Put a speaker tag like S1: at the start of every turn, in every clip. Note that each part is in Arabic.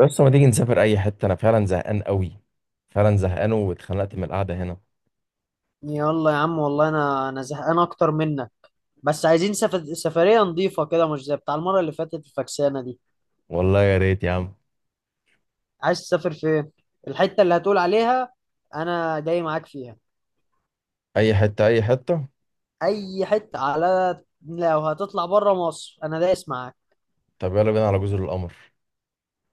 S1: بس ما تيجي نسافر اي حته، انا فعلا زهقان قوي. فعلا زهقان واتخنقت من القعده هنا.
S2: يلا يا عم والله انا زهقان اكتر منك. بس عايزين سفرية نظيفة كده، مش زي بتاع المرة اللي فاتت الفكسانة دي.
S1: والله يا ريت يا عم.
S2: عايز تسافر فين؟ الحتة اللي هتقول عليها انا جاي معاك فيها.
S1: اي حته اي حته.
S2: اي حتة، على لو هتطلع بره مصر انا دايس معاك.
S1: طب يلا بينا على جزر القمر.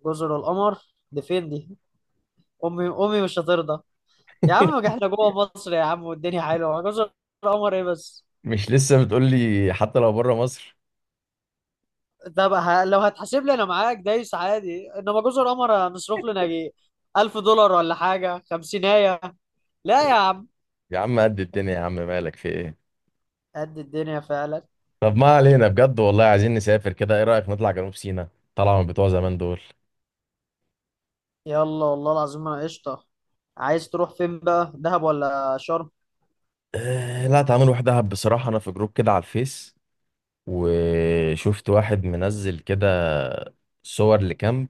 S2: جزر القمر دي فين دي؟ امي مش هترضى. يا عم احنا جوه مصر يا عم، والدنيا حلوة، جزر القمر ايه بس؟
S1: مش لسه بتقول لي حتى لو بره مصر؟
S2: ده بقى لو هتحاسب لي انا معاك دايس عادي، انما جوز القمر هنصرف لنا جي 1000 دولار ولا حاجه خمسينية. لا يا عم.
S1: يا عم قد الدنيا، يا عم مالك في ايه؟
S2: قد الدنيا فعلا.
S1: طب ما علينا، بجد والله عايزين نسافر كده. ايه رايك نطلع جنوب سيناء؟ طالعه من بتوع زمان دول.
S2: يلا، والله العظيم انا قشطه. عايز تروح فين بقى، دهب ولا شرم؟
S1: أه لا، تعالوا نروح دهب. بصراحه انا في جروب كده على الفيس، وشفت واحد منزل كده صور لكامب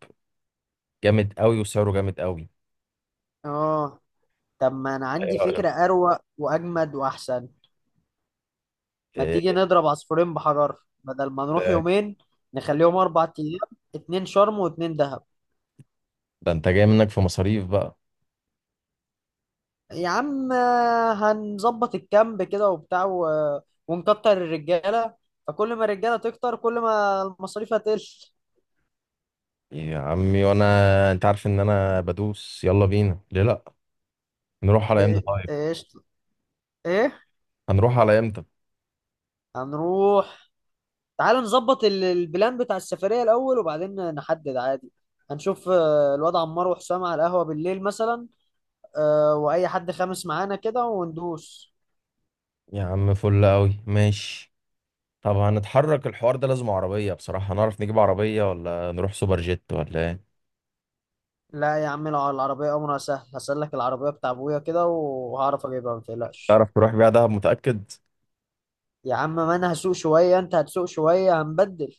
S1: جامد قوي، وسعره جامد قوي.
S2: اه. طب ما انا
S1: ايه
S2: عندي
S1: رايك؟
S2: فكره اروق واجمد واحسن. ما تيجي نضرب عصفورين بحجر؟ بدل ما نروح
S1: ده
S2: يومين، نخليهم 4 ايام. اتنين شرم واتنين دهب.
S1: انت جاي منك في مصاريف بقى.
S2: يا عم، هنظبط الكامب كده وبتاع ونكتر الرجالة. فكل ما الرجالة تكتر، كل ما المصاريف هتقل.
S1: يا عمي وانا، انت عارف ان انا بدوس. يلا بينا، ليه لا. نروح على امتى
S2: ايه
S1: طيب؟
S2: ايش ايه؟
S1: هنروح على امتى؟
S2: هنروح؟ تعال نظبط البلان بتاع السفرية الأول، وبعدين نحدد عادي. هنشوف الواد عمار وحسام على القهوة بالليل مثلا. وأي حد خامس معانا كده وندوس.
S1: يا عم فل قوي، ماشي. طب هنتحرك الحوار ده لازم عربية بصراحة. هنعرف نجيب عربية ولا نروح سوبر جيت ولا ايه؟
S2: لا يا عم، العربية أمرها سهل. هسلك العربية بتاع أبويا كده وهعرف أجيبها، ما تقلقش.
S1: تعرف تروح بيها دهب؟ متأكد؟
S2: يا عم، ما انا هسوق شويه، انت هتسوق شويه، هنبدل.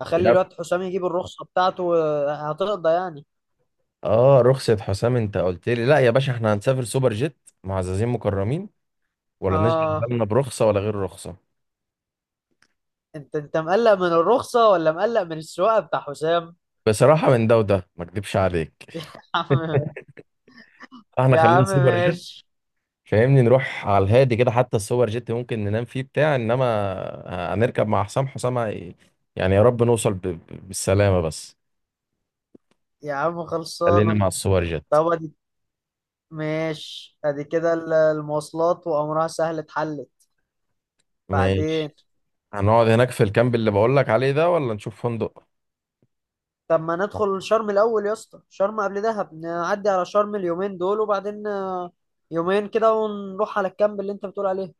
S2: اخلي
S1: يب.
S2: الواد حسام يجيب الرخصه بتاعته. هتقضى يعني.
S1: اه رخصة حسام؟ انت قلت لي لا يا باشا، احنا هنسافر سوبر جيت معززين مكرمين، ولا نشغل
S2: اه.
S1: بالنا برخصة ولا غير رخصة.
S2: انت مقلق من الرخصه ولا مقلق من السواقه بتاع حسام؟
S1: بصراحة من ده وده، ما اكدبش عليك.
S2: يا عم.
S1: احنا
S2: يا
S1: خلينا
S2: عم،
S1: سوبر جيت.
S2: ماشي.
S1: فاهمني نروح على الهادي كده، حتى السوبر جيت ممكن ننام فيه بتاع انما هنركب مع حسام، حسام يعني يا رب نوصل بالسلامة بس.
S2: يا عم،
S1: خلينا
S2: خلصانه.
S1: مع السوبر جيت.
S2: طب ادي. ماشي، ادي كده المواصلات وامرها سهل، اتحلت. بعدين.
S1: ماشي. هنقعد هناك في الكامب اللي بقول لك عليه ده، ولا نشوف فندق؟
S2: طب ما ندخل شرم الاول يا اسطى، شرم قبل دهب، نعدي على شرم اليومين دول، وبعدين يومين كده ونروح على الكامب اللي انت بتقول عليه.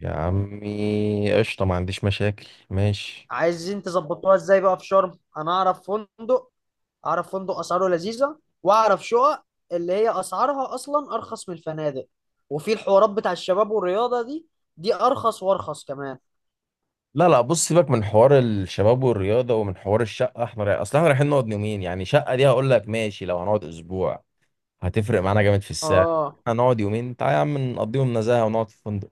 S1: يا عمي قشطة، ما عنديش مشاكل، ماشي.
S2: عايزين تظبطوها ازاي بقى في شرم؟ انا اعرف فندق. اعرف فندق اسعاره لذيذه، واعرف شقق اللي هي اسعارها اصلا ارخص من الفنادق. وفي الحوارات بتاع الشباب والرياضه دي، دي ارخص وارخص كمان.
S1: لا لا، بص سيبك من حوار الشباب والرياضة ومن حوار الشقة. احنا رايح، اصل احنا رايحين نقعد يومين، يعني شقة دي هقول لك ماشي لو هنقعد اسبوع، هتفرق معانا جامد في السعر.
S2: اه
S1: احنا هنقعد يومين، تعالى يا عم نقضيهم نزاهة ونقعد في فندق.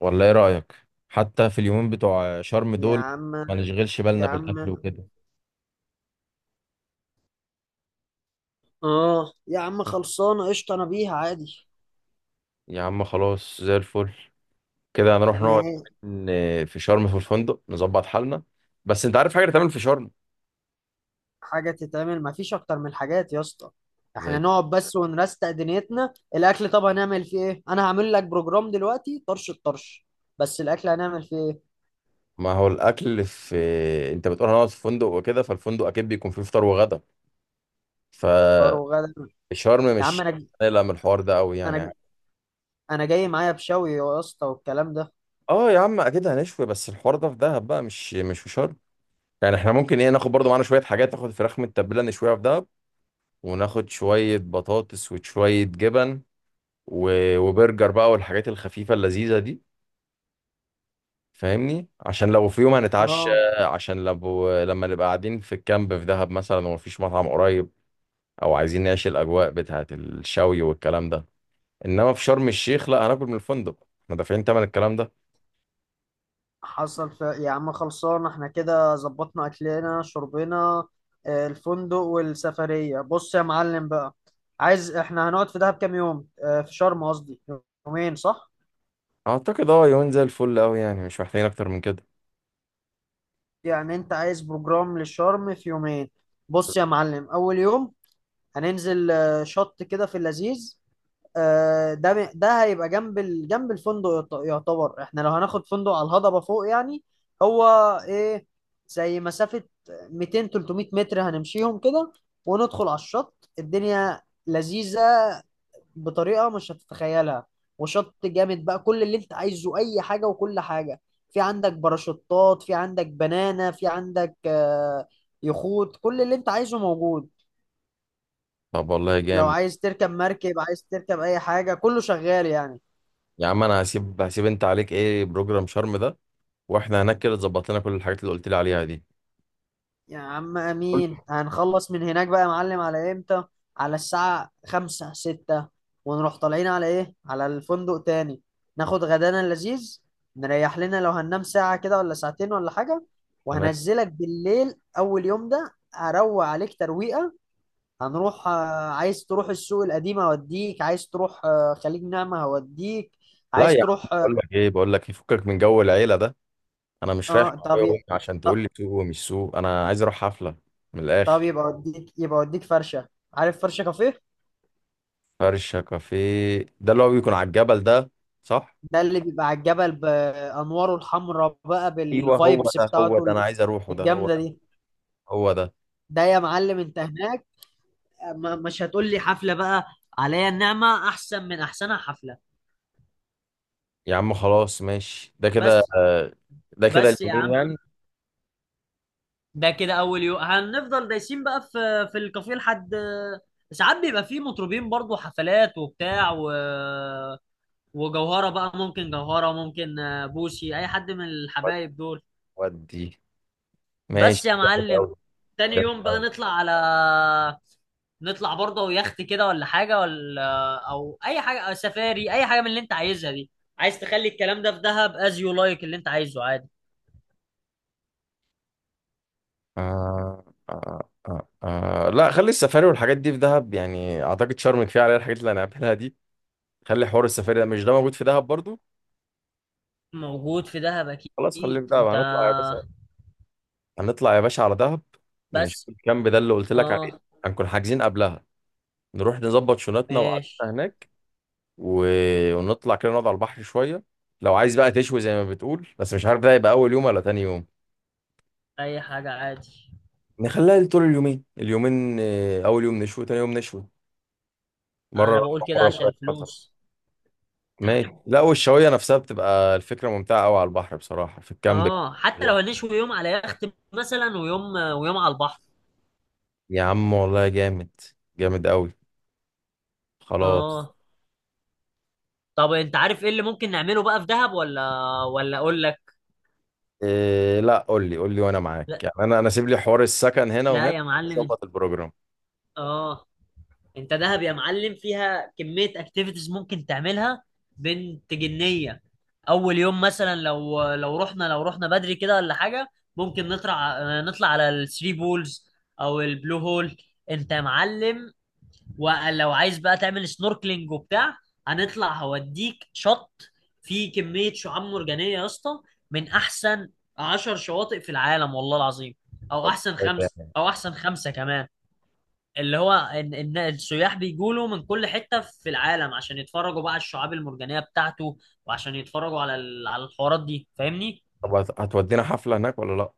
S1: ولا ايه رأيك؟ حتى في اليومين بتوع شرم
S2: يا
S1: دول
S2: عم.
S1: ما نشغلش بالنا
S2: يا عم.
S1: بالأكل وكده.
S2: اه يا عم، خلصانه قشطه، انا بيها عادي.
S1: يا عم خلاص زي الفل، كده هنروح نقعد
S2: ما.
S1: في شرم في الفندق، نظبط حالنا. بس انت عارف حاجة تعمل في شرم؟
S2: حاجه تتعمل؟ ما فيش اكتر من الحاجات يا اسطى. احنا
S1: زي؟
S2: نقعد بس ونرستق دنيتنا. الاكل طب هنعمل فيه ايه؟ انا هعمل لك بروجرام دلوقتي طرش الطرش. بس الاكل هنعمل فيه إيه؟
S1: ما هو الأكل، في انت بتقول هنقعد في فندق وكده، فالفندق أكيد بيكون فيه فطار وغدا.
S2: فطار
S1: فشرم،
S2: وغدا.
S1: مش
S2: يا عم
S1: هنقلق من الحوار ده قوي
S2: انا
S1: يعني.
S2: ج- انا جاي معايا بشوي يا اسطى والكلام ده.
S1: اه يا عم اكيد هنشوي، بس الحوار ده في دهب بقى، مش في شرم. يعني احنا ممكن ايه، ناخد برضو معانا شوية حاجات، ناخد فراخ متبلة نشويها في دهب، وناخد شوية بطاطس وشوية جبن وبرجر بقى والحاجات الخفيفة اللذيذة دي. فاهمني، عشان لو في يوم هنتعشى،
S2: اه.
S1: عشان لو لما نبقى قاعدين في الكامب في دهب مثلا ومفيش مطعم قريب، او عايزين نعيش الاجواء بتاعة الشوي والكلام ده. انما في شرم الشيخ لا، هناكل من الفندق، احنا دافعين تمن الكلام ده.
S2: حصل يا عم خلصان، احنا كده ظبطنا اكلنا شربنا. الفندق والسفرية، بص يا معلم بقى. عايز احنا هنقعد في دهب كام يوم، في شرم قصدي. يومين، صح؟
S1: اعتقد اه، يومين زي الفل قوي يعني، مش محتاجين اكتر من كده.
S2: يعني انت عايز بروجرام للشرم في يومين. بص يا معلم، اول يوم. هننزل شط كده في اللذيذ. ده هيبقى جنب جنب الفندق، يعتبر احنا لو هناخد فندق على الهضبة فوق يعني. هو، ايه زي مسافة 200 300 متر هنمشيهم كده. وندخل على الشط. الدنيا لذيذة بطريقة مش هتتخيلها. وشط جامد بقى، كل اللي انت عايزه، اي حاجة وكل حاجة. في عندك باراشوتات، في عندك بنانة، في عندك يخوت، كل اللي انت عايزه موجود.
S1: طب والله
S2: لو
S1: جامد.
S2: عايز تركب مركب، عايز تركب اي حاجة، كله شغال يعني.
S1: يا عم انا هسيب انت عليك ايه بروجرام شرم ده، واحنا هناك كده تظبط لنا كل الحاجات اللي قلت لي عليها دي.
S2: يا عم امين،
S1: قلت
S2: هنخلص من هناك بقى يا معلم على امتى؟ على الساعة خمسة ستة. ونروح طالعين على ايه، على الفندق تاني. ناخد غدانا اللذيذ. نريح لنا، لو هننام ساعة كده ولا ساعتين ولا حاجة.
S1: تمام.
S2: وهنزلك بالليل، اول يوم ده اروق عليك ترويقة. هنروح. عايز تروح السوق القديم هوديك، عايز تروح خليج نعمة هوديك.
S1: لا
S2: عايز
S1: يا عم
S2: تروح، اه.
S1: بقول لك ايه، بقول لك يفكك من جو العيله ده. انا مش رايح
S2: آه،
S1: مع
S2: طب
S1: ابويا
S2: ي-
S1: وامي عشان تقول
S2: طب
S1: لي سوق ومش سوق، انا عايز اروح حفله. من
S2: طب
S1: الاخر.
S2: يبقى اوديك فرشة. عارف فرشة كافيه؟
S1: فرشه كافيه ده اللي هو بيكون على الجبل ده، صح؟
S2: ده اللي بيبقى على الجبل، بانواره الحمراء بقى،
S1: ايوه هو
S2: بالفايبس
S1: ده هو ده،
S2: بتاعته.
S1: انا عايز اروحه ده، هو
S2: الجامده
S1: ده،
S2: دي.
S1: هو ده.
S2: ده يا معلم، انت هناك. مش هتقول لي حفله بقى. عليا النعمه، احسن من احسنها حفله.
S1: يا عم خلاص ماشي، ده كده
S2: بس.
S1: ده كده
S2: بس يا
S1: اليومين
S2: عم.
S1: يعني.
S2: ده كده اول يوم هنفضل دايسين بقى في الكافيه لحد ساعات بيبقى فيه مطربين برضو، حفلات وبتاع وجوهره بقى، ممكن جوهره، ممكن بوسي، اي حد من
S1: ود-
S2: الحبايب دول.
S1: ودي
S2: بس
S1: ماشي،
S2: يا
S1: جامد
S2: معلم.
S1: قوي.
S2: تاني
S1: جامد
S2: يوم بقى
S1: قوي.
S2: نطلع برضه يخت كده ولا حاجة، ولا أو أي حاجة، أو سفاري، أي حاجة من اللي أنت عايزها دي. عايز تخلي الكلام ده في دهب، از يو لايك، اللي أنت عايزه عادي.
S1: آه آه. لا خلي السفاري والحاجات دي في دهب، يعني اعتقد شرم كفايه عليها الحاجات اللي هنعملها دي. خلي حوار السفاري ده، مش ده موجود في دهب برضو؟
S2: موجود في دهب
S1: خلاص خليه
S2: أكيد،
S1: في دهب.
S2: أنت.
S1: هنطلع يا باشا، هنطلع يا باشا على دهب. نشوف
S2: بس.
S1: الكامب ده اللي قلت لك عليه،
S2: أه.
S1: هنكون حاجزين قبلها. نروح نظبط شنطنا وقعدتنا
S2: ماشي.
S1: هناك و... ونطلع كده نقعد على البحر شوية. لو عايز بقى تشوي زي ما بتقول، بس مش عارف ده يبقى أول يوم ولا تاني يوم.
S2: أي حاجة عادي.
S1: نخليها طول اليومين، اليومين آه، أول يوم نشوي تاني يوم نشوي، مرة
S2: أنا
S1: راحة
S2: بقول كده
S1: مرة
S2: عشان
S1: فراخ مثلا.
S2: الفلوس.
S1: ماشي، لا والشواية نفسها بتبقى الفكرة ممتعة أوي على البحر بصراحة في الكامب.
S2: أه، حتى لو هنشوي يوم على يخت مثلا، ويوم على البحر.
S1: يا عم والله جامد، جامد أوي. خلاص.
S2: أه. طب أنت عارف إيه اللي ممكن نعمله بقى في دهب، ولا أقول لك؟
S1: إيه؟ لا قول لي قول لي، وانا معاك يعني. انا انا سيب لي حوار السكن هنا
S2: لا
S1: وهنا،
S2: يا معلم، انت.
S1: اظبط البروجرام.
S2: اه. انت دهب يا معلم فيها كمية اكتيفيتيز ممكن تعملها. بنت جنية. اول يوم مثلا، لو رحنا بدري كده ولا حاجة. ممكن نطلع على الثري بولز. او البلو هول. انت يا معلم. ولو عايز بقى تعمل سنوركلينج وبتاع. هنطلع هوديك شط. فيه كمية شعاب مرجانية يا اسطى، من احسن 10 شواطئ في العالم والله العظيم. او
S1: طب
S2: احسن
S1: كويس
S2: خمس،
S1: يعني.
S2: او احسن خمسة كمان. اللي هو ان السياح بيجوا من كل حته في العالم عشان يتفرجوا بقى على الشعاب المرجانيه بتاعته. وعشان يتفرجوا على الحوارات دي، فاهمني.
S1: طب هتودينا حفلة هناك ولا لا؟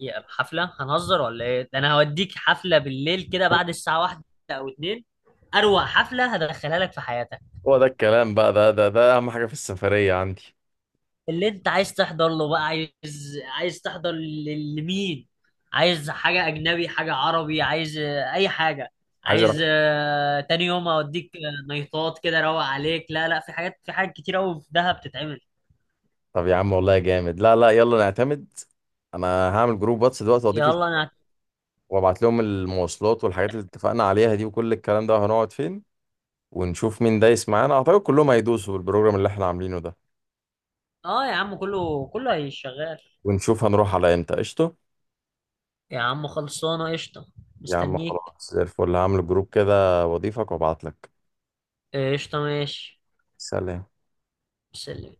S2: يا حفله، هنهزر ولا ايه؟ ده انا هوديك حفله بالليل كده بعد الساعه واحدة او اتنين. اروق حفله هدخلها لك في حياتك.
S1: هو ده الكلام بقى، ده ده ده اهم حاجة في السفرية عندي.
S2: اللي انت عايز تحضر له بقى، عايز تحضر لمين؟ عايز حاجة أجنبي، حاجة عربي، عايز أي حاجة.
S1: عايز
S2: عايز
S1: اروح.
S2: تاني يوم أوديك نيطات كده، روق عليك، لا لا، في حاجات كتير أوي في دهب بتتعمل.
S1: طب يا عم والله جامد، لا لا يلا نعتمد. انا هعمل جروب واتس دلوقتي واضيف
S2: يلا أنا.
S1: وابعت لهم المواصلات والحاجات اللي اتفقنا عليها دي وكل الكلام ده، وهنقعد فين، ونشوف مين دايس معانا. اعتقد كلهم هيدوسوا بالبروجرام اللي احنا عاملينه ده،
S2: آه يا عم، كله كله هيشغال.
S1: ونشوف هنروح على امتى. قشطة.
S2: يا عم، خلصانة قشطة.
S1: يا عم
S2: مستنيك.
S1: خلاص زي الفل، هعمل جروب كده واضيفك وابعتلك.
S2: قشطة ماشي.
S1: سلام.
S2: سلم.